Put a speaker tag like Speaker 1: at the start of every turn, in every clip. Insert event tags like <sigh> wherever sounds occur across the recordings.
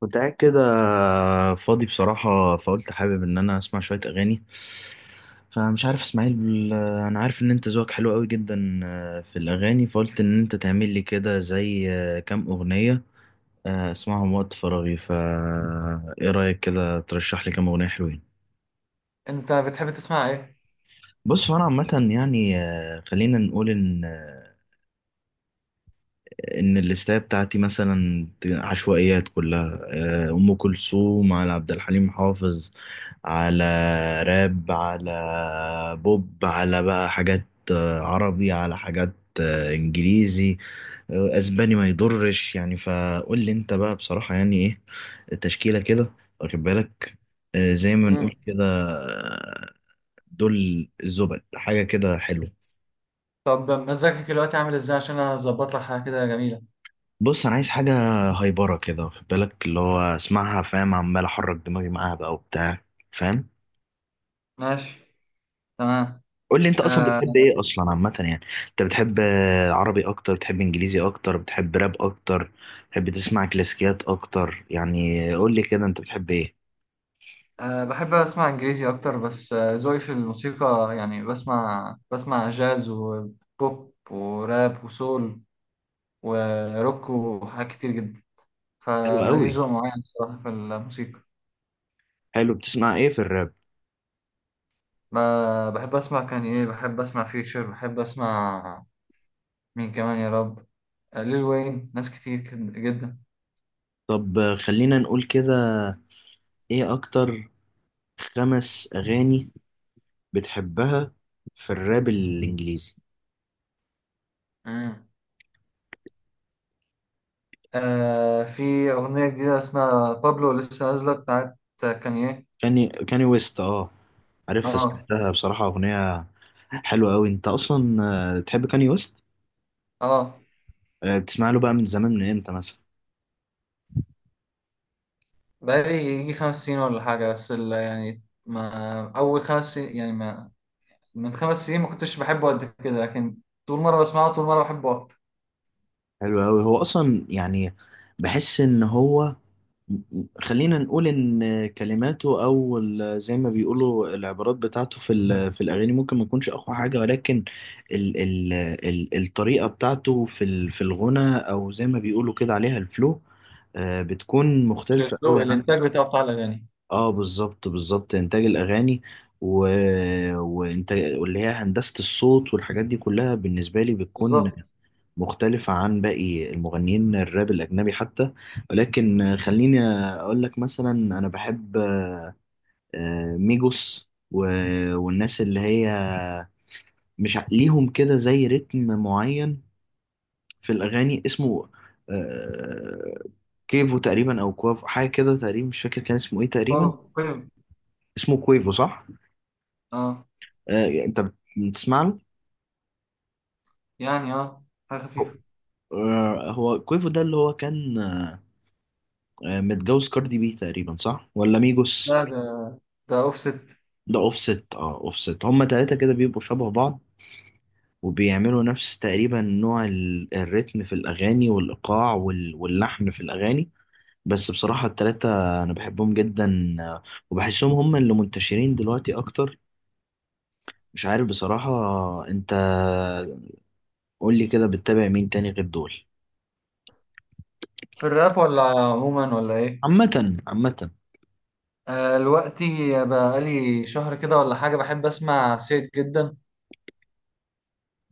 Speaker 1: كنت قاعد كده فاضي بصراحة، فقلت حابب إن أنا أسمع شوية أغاني. فمش عارف إسماعيل، أنا عارف إن أنت ذوقك حلو قوي جدا في الأغاني، فقلت إن أنت تعمل لي كده زي كام أغنية أسمعهم وقت فراغي. فا إيه رأيك كده ترشح لي كام أغنية حلوين؟
Speaker 2: انت بتحب تسمع ايه؟
Speaker 1: بص، هو أنا عامة يعني خلينا نقول إن ان الليستة بتاعتي مثلا عشوائيات كلها. ام كلثوم، على عبد الحليم حافظ، على راب، على بوب، على بقى حاجات عربي، على حاجات انجليزي، اسباني ما يضرش. يعني فقول لي انت بقى بصراحة يعني ايه التشكيلة كده، واخد بالك؟ زي ما نقول
Speaker 2: مم.
Speaker 1: كده. دول الزبد، حاجة كده حلوة.
Speaker 2: طب مزاجك دلوقتي عامل ازاي عشان اظبط لك حاجه كده جميله؟
Speaker 1: بص انا عايز حاجه هايبره كده، واخد بالك، اللي هو اسمعها، فاهم، عمال احرك دماغي معاها بقى وبتاع، فاهم؟
Speaker 2: ماشي. تمام.
Speaker 1: قول لي انت اصلا
Speaker 2: أه.
Speaker 1: بتحب ايه اصلا عامه يعني. انت بتحب عربي اكتر، بتحب انجليزي اكتر، بتحب راب اكتر، بتحب تسمع كلاسيكيات اكتر؟ يعني قول لي كده انت بتحب ايه.
Speaker 2: أه، بحب اسمع انجليزي اكتر بس، ذوقي في الموسيقى يعني بسمع جاز وبوب وراب وسول وروك وحاجات كتير جدا.
Speaker 1: حلو قوي.
Speaker 2: فماليش ذوق معين بصراحه في الموسيقى.
Speaker 1: حلو، بتسمع ايه في الراب؟
Speaker 2: بحب اسمع كانيه، بحب اسمع فيوتشر، بحب اسمع مين كمان يا رب. ليل وين، ناس جدا.
Speaker 1: طب خلينا نقول كده، ايه اكتر 5 اغاني بتحبها في الراب الانجليزي؟
Speaker 2: آه، في أغنية جديدة اسمها بابلو لسه نازلة بتاعت كانيه.
Speaker 1: كاني، كاني ويست، اه، عارف،
Speaker 2: اه.
Speaker 1: سمعتها بصراحة، أغنية حلوة أوي. أنت أصلا تحب كاني ويست؟
Speaker 2: اه،
Speaker 1: بتسمع له بقى من زمان، من إمتى مثلا؟
Speaker 2: بقالي يجي خمس سنين ولا حاجة، بس يعني، ما أول خمس سنين، يعني ما من خمس سنين ما كنتش بحبه قد كده، لكن طول مرة بسمعه طول مرة بحبه أكتر.
Speaker 1: حلو أوي. هو أصلا يعني بحس إن هو، خلينا نقول إن كلماته أو زي ما بيقولوا العبارات بتاعته في في الأغاني ممكن ما تكونش أقوى حاجة، ولكن ال ال ال الطريقة بتاعته في في الغنى، أو زي ما بيقولوا كده عليها الفلو، بتكون
Speaker 2: شايف
Speaker 1: مختلفة أوي
Speaker 2: له
Speaker 1: عن.
Speaker 2: الانتاج بتاعه بتاع الاغاني.
Speaker 1: اه بالظبط بالظبط، انتاج الاغاني و... وانتاج، واللي هي هندسه الصوت والحاجات دي كلها بالنسبه لي بتكون
Speaker 2: بالظبط.
Speaker 1: مختلفه عن باقي المغنيين الراب الاجنبي حتى. ولكن خليني اقول لك مثلا، انا بحب ميجوس و... والناس اللي هي مش ع- ليهم كده زي رتم معين في الاغاني، اسمه آه، كيفو تقريبا، او كوافو، حاجه كده تقريبا، مش فاكر كان اسمه ايه تقريبا.
Speaker 2: هو كل.
Speaker 1: اسمه كويفو، صح؟
Speaker 2: اه.
Speaker 1: انت بتسمع له؟
Speaker 2: يعني اه، حاجة
Speaker 1: هو
Speaker 2: خفيفة.
Speaker 1: هو كويفو ده اللي هو كان متجوز كاردي بي تقريبا، صح؟ ولا ميجوس؟
Speaker 2: لا، ده ده أوفست.
Speaker 1: ده اوفست، اه، اوفست. هما تلاتة كده بيبقوا شبه بعض وبيعملوا نفس تقريبا نوع الريتم في الاغاني والايقاع واللحن في الاغاني. بس بصراحة التلاتة انا بحبهم جدا وبحسهم هما اللي منتشرين دلوقتي اكتر. مش عارف بصراحة. انت قول لي كده، بتتابع مين تاني غير دول؟
Speaker 2: في الراب ولا عموما ولا إيه؟
Speaker 1: عامة عامة.
Speaker 2: آه، دلوقتي بقالي شهر كده ولا حاجة بحب أسمع سيد جدا.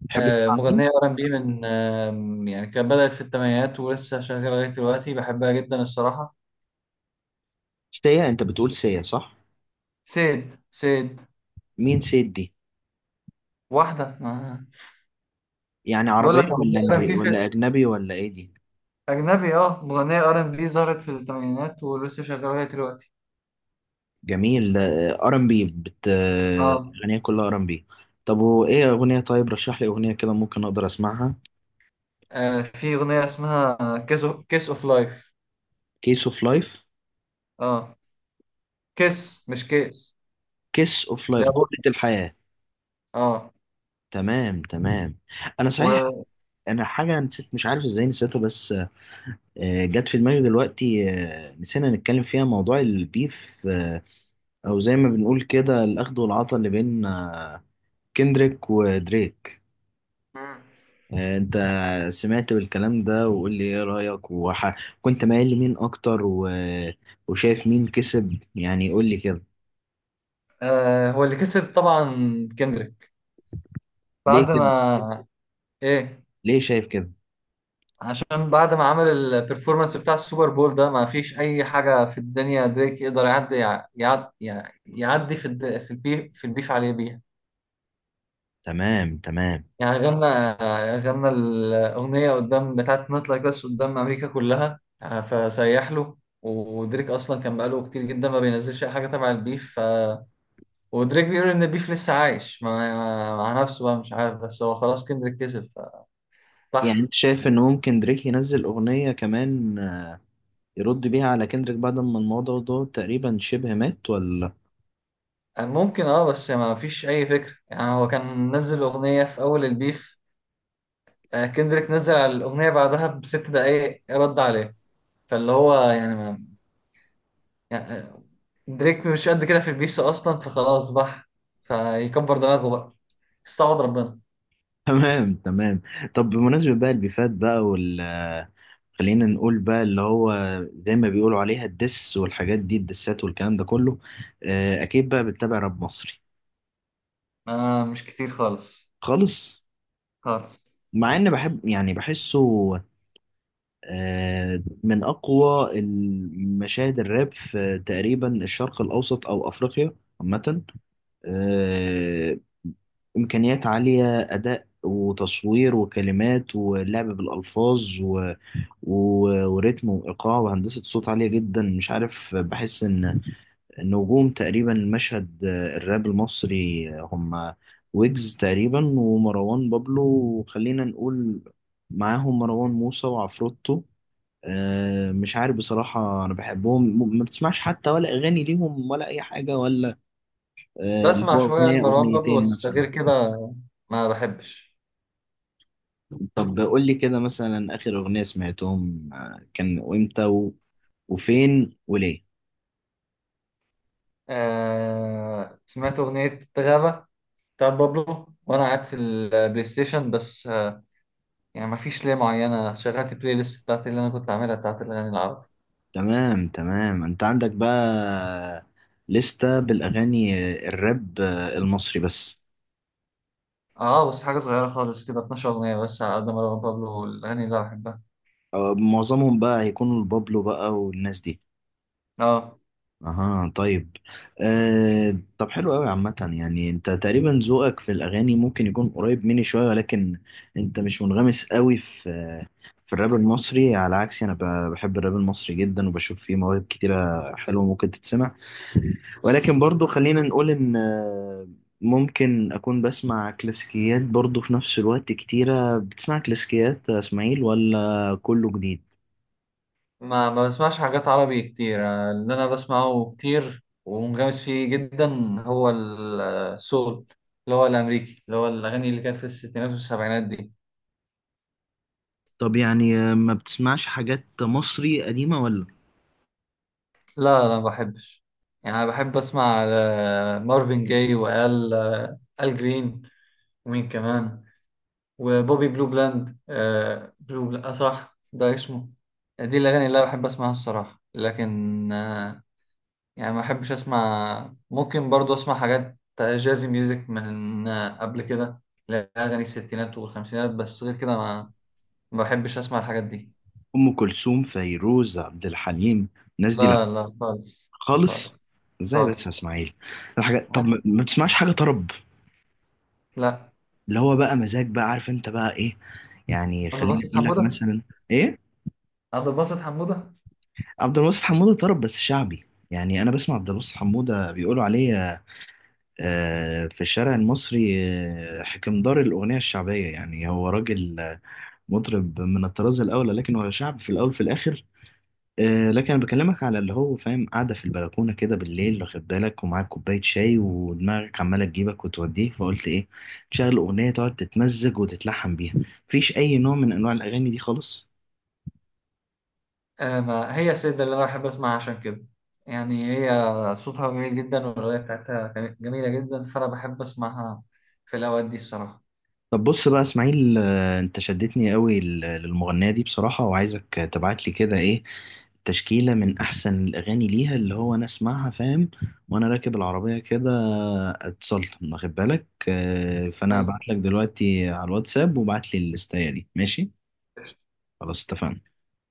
Speaker 1: بتحب
Speaker 2: آه،
Speaker 1: تسمع مين؟
Speaker 2: مغنية ار ان بي من يعني، كانت بدأت في الثمانينات ولسه شغالة لغاية دلوقتي، بحبها جدا الصراحة.
Speaker 1: سيا، انت بتقول سيا، صح؟
Speaker 2: سيد، سيد.
Speaker 1: مين سيد دي؟
Speaker 2: واحدة ما.
Speaker 1: يعني
Speaker 2: بقول
Speaker 1: عربية
Speaker 2: لك مغنية
Speaker 1: ولا
Speaker 2: ار ان
Speaker 1: انجلي
Speaker 2: بي
Speaker 1: ولا
Speaker 2: في.
Speaker 1: اجنبي ولا ايه دي؟
Speaker 2: أجنبي، اه، مغنية ار ان بي ظهرت في الثمانينات ولسه شغالة لغاية دلوقتي.
Speaker 1: جميل ده. ار ام بي، بت،
Speaker 2: اه.
Speaker 1: اغنية كلها ار ام بي. طب وايه اغنية؟ طيب رشح لي اغنية كده ممكن اقدر اسمعها.
Speaker 2: آه، في أغنية اسمها كيس اوف لايف.
Speaker 1: كيس اوف لايف؟
Speaker 2: اه. كيس مش كيس.
Speaker 1: كيس اوف
Speaker 2: لا،
Speaker 1: لايف، قبلة
Speaker 2: بص.
Speaker 1: الحياة.
Speaker 2: اه.
Speaker 1: تمام تمام، انا صحيح
Speaker 2: و...
Speaker 1: انا حاجة نسيت، مش عارف ازاي نسيتها، بس جت في دماغي دلوقتي. نسينا نتكلم فيها، موضوع البيف او زي ما بنقول كده الاخد والعطا اللي بين كندريك ودريك.
Speaker 2: مم.
Speaker 1: انت سمعت بالكلام ده؟ وقول لي ايه رأيك، كنت مايل لمين اكتر و... وشايف مين كسب؟ يعني قول لي كده.
Speaker 2: آه، هو اللي كسب طبعا، كندريك.
Speaker 1: ليه
Speaker 2: بعد
Speaker 1: كده؟
Speaker 2: ما ايه؟
Speaker 1: ليه شايف كده؟
Speaker 2: عشان بعد ما عمل البرفورمانس بتاع السوبر بول ده، ما فيش اي حاجه في الدنيا دريك يقدر يعدي، يعدي, يعدي في في البيف، في البيف عليه بيها.
Speaker 1: تمام تمام.
Speaker 2: يعني غنى الاغنيه قدام بتاعت نوت لايك اس قدام امريكا كلها، آه، فسيح له. ودريك اصلا كان بقاله كتير جدا ما بينزلش اي حاجه تبع البيف، ودريك بيقول ان البيف لسه عايش مع نفسه بقى، مش عارف، بس هو خلاص كندريك كسب، ف...
Speaker 1: يعني
Speaker 2: صح.
Speaker 1: انت شايف ان ممكن دريك ينزل اغنية كمان يرد بيها على كندريك بعد ما الموضوع ده تقريبا شبه مات، ولا؟
Speaker 2: ممكن، اه، بس ما فيش اي فكره. يعني هو كان نزل اغنيه في اول البيف، آه، كندريك نزل على الاغنيه بعدها بست دقايق رد عليه. فاللي هو ما يعني، آه، دريك مش قد كده في البيف اصلا، فخلاص فيكبر دماغه بقى، استعوض ربنا.
Speaker 1: <laughs> تمام تمام. طب بمناسبة بقى البيفات بقى، خلينا نقول بقى اللي هو زي ما بيقولوا عليها الدس والحاجات دي، الدسات والكلام ده كله، اكيد بقى بتتابع راب مصري؟
Speaker 2: انا مش كتير خالص.
Speaker 1: خالص؟
Speaker 2: خالص.
Speaker 1: مع ان بحب، يعني بحسه من اقوى المشاهد الراب في تقريبا الشرق الاوسط او افريقيا عامه. آه، امكانيات عاليه، اداء وتصوير وكلمات ولعب بالالفاظ و... و... وريتم وايقاع وهندسه صوت عاليه جدا. مش عارف، بحس ان النجوم تقريبا المشهد الراب المصري هم ويجز تقريبا ومروان بابلو، وخلينا نقول معاهم مروان موسى وعفروتو. مش عارف بصراحة أنا بحبهم، ما بتسمعش حتى ولا أغاني ليهم ولا أي حاجة، ولا اللي
Speaker 2: بسمع
Speaker 1: هو
Speaker 2: شويه
Speaker 1: أغنية
Speaker 2: لمروان بابلو
Speaker 1: أغنيتين
Speaker 2: بس،
Speaker 1: مثلا.
Speaker 2: غير كده ما بحبش.
Speaker 1: طب قول لي كده مثلا آخر أغنية سمعتهم كان، وإمتى و- وفين وليه؟
Speaker 2: آه، سمعت أغنية غابة بتاعت بابلو وأنا قاعد في البلاي ستيشن، بس يعني ما فيش ليه معينة، شغلت البلاي ليست بتاعتي اللي أنا كنت عاملها بتاعت الأغاني العربي.
Speaker 1: تمام تمام. انت عندك بقى لستة بالاغاني الراب المصري بس؟
Speaker 2: آه، بس حاجة صغيرة خالص كده، 12 أغنية بس على قد مروان بابلو والأغاني اللي أنا بحبها.
Speaker 1: أه، معظمهم بقى هيكونوا البابلو بقى والناس دي؟
Speaker 2: آه.
Speaker 1: اها طيب. أه طب حلو قوي. عامة يعني انت تقريبا ذوقك في الاغاني ممكن يكون قريب مني شوية، ولكن انت مش منغمس قوي في في الراب المصري، على عكسي انا بحب الراب المصري جدا وبشوف فيه مواهب كتيرة حلوة ممكن تتسمع. ولكن برضو خلينا نقول ان ممكن اكون بسمع كلاسيكيات برضو في نفس الوقت. كتيرة بتسمع كلاسيكيات يا اسماعيل ولا كله جديد؟
Speaker 2: ما بسمعش حاجات عربي كتير. آه، اللي أنا بسمعه كتير ومنغمس فيه جدا هو آه، السول، اللي هو الأمريكي، اللي هو الأغاني اللي كانت في الستينات والسبعينات دي.
Speaker 1: طب يعني ما بتسمعش حاجات مصري قديمة، ولا
Speaker 2: لا لا، ما بحبش. يعني أنا بحب أسمع آه، مارفن جاي، وآل آل جرين، ومين كمان، وبوبي بلو بلاند، آه بلو بلاند، آه صح ده اسمه. دي الأغاني اللي أنا بحب أسمعها الصراحة، لكن آه، يعني ما أحبش أسمع. ممكن برضو أسمع حاجات جازي ميوزك من آه قبل كده، لا، أغاني الستينات والخمسينات، بس غير كده ما، ما بحبش أسمع الحاجات دي.
Speaker 1: ام كلثوم فيروز عبد الحليم، الناس دي
Speaker 2: لا
Speaker 1: لا؟
Speaker 2: لا، خالص.
Speaker 1: خالص؟
Speaker 2: خالص.
Speaker 1: ازاي بس يا
Speaker 2: خالص.
Speaker 1: اسماعيل الحاجات؟ طب ما
Speaker 2: عارف؟
Speaker 1: ما بتسمعش حاجة طرب؟
Speaker 2: لا.
Speaker 1: اللي هو بقى مزاج بقى، عارف انت بقى ايه يعني؟
Speaker 2: عبد
Speaker 1: خليني
Speaker 2: الباسط
Speaker 1: اقول لك
Speaker 2: حمودة.
Speaker 1: مثلا. ايه؟
Speaker 2: عبد الباسط حمودة.
Speaker 1: عبد الواسط حمودة طرب بس شعبي. يعني انا بسمع عبد الواسط حمودة، بيقولوا عليه في الشارع المصري حكمدار الاغنية الشعبية. يعني هو راجل مطرب من الطراز الاول، لكن هو شعب في الاول في الاخر. لكن انا بكلمك على اللي هو، فاهم، قاعدة في البلكونة كده بالليل، واخد بالك، ومعاك كوباية شاي ودماغك عمالة تجيبك وتوديك، فقلت ايه، تشغل اغنية تقعد تتمزج وتتلحم بيها. مفيش اي نوع من انواع الاغاني دي خالص؟
Speaker 2: آه، ما هي السيدة اللي أنا بحب أسمعها عشان كده، يعني هي صوتها جميل جدا والأغنية بتاعتها كانت جميلة جدا، فأنا بحب أسمعها في الأوقات دي الصراحة.
Speaker 1: طب بص بقى اسماعيل، انت شدتني قوي للمغنية دي بصراحة، وعايزك تبعت لي كده ايه، تشكيلة من احسن الاغاني ليها اللي هو انا اسمعها، فاهم، وانا راكب العربية كده اتسلطن، واخد بالك، فانا
Speaker 2: أيوة.
Speaker 1: هبعت لك دلوقتي على الواتساب وبعت لي الليستاية دي، ماشي؟ خلاص اتفقنا.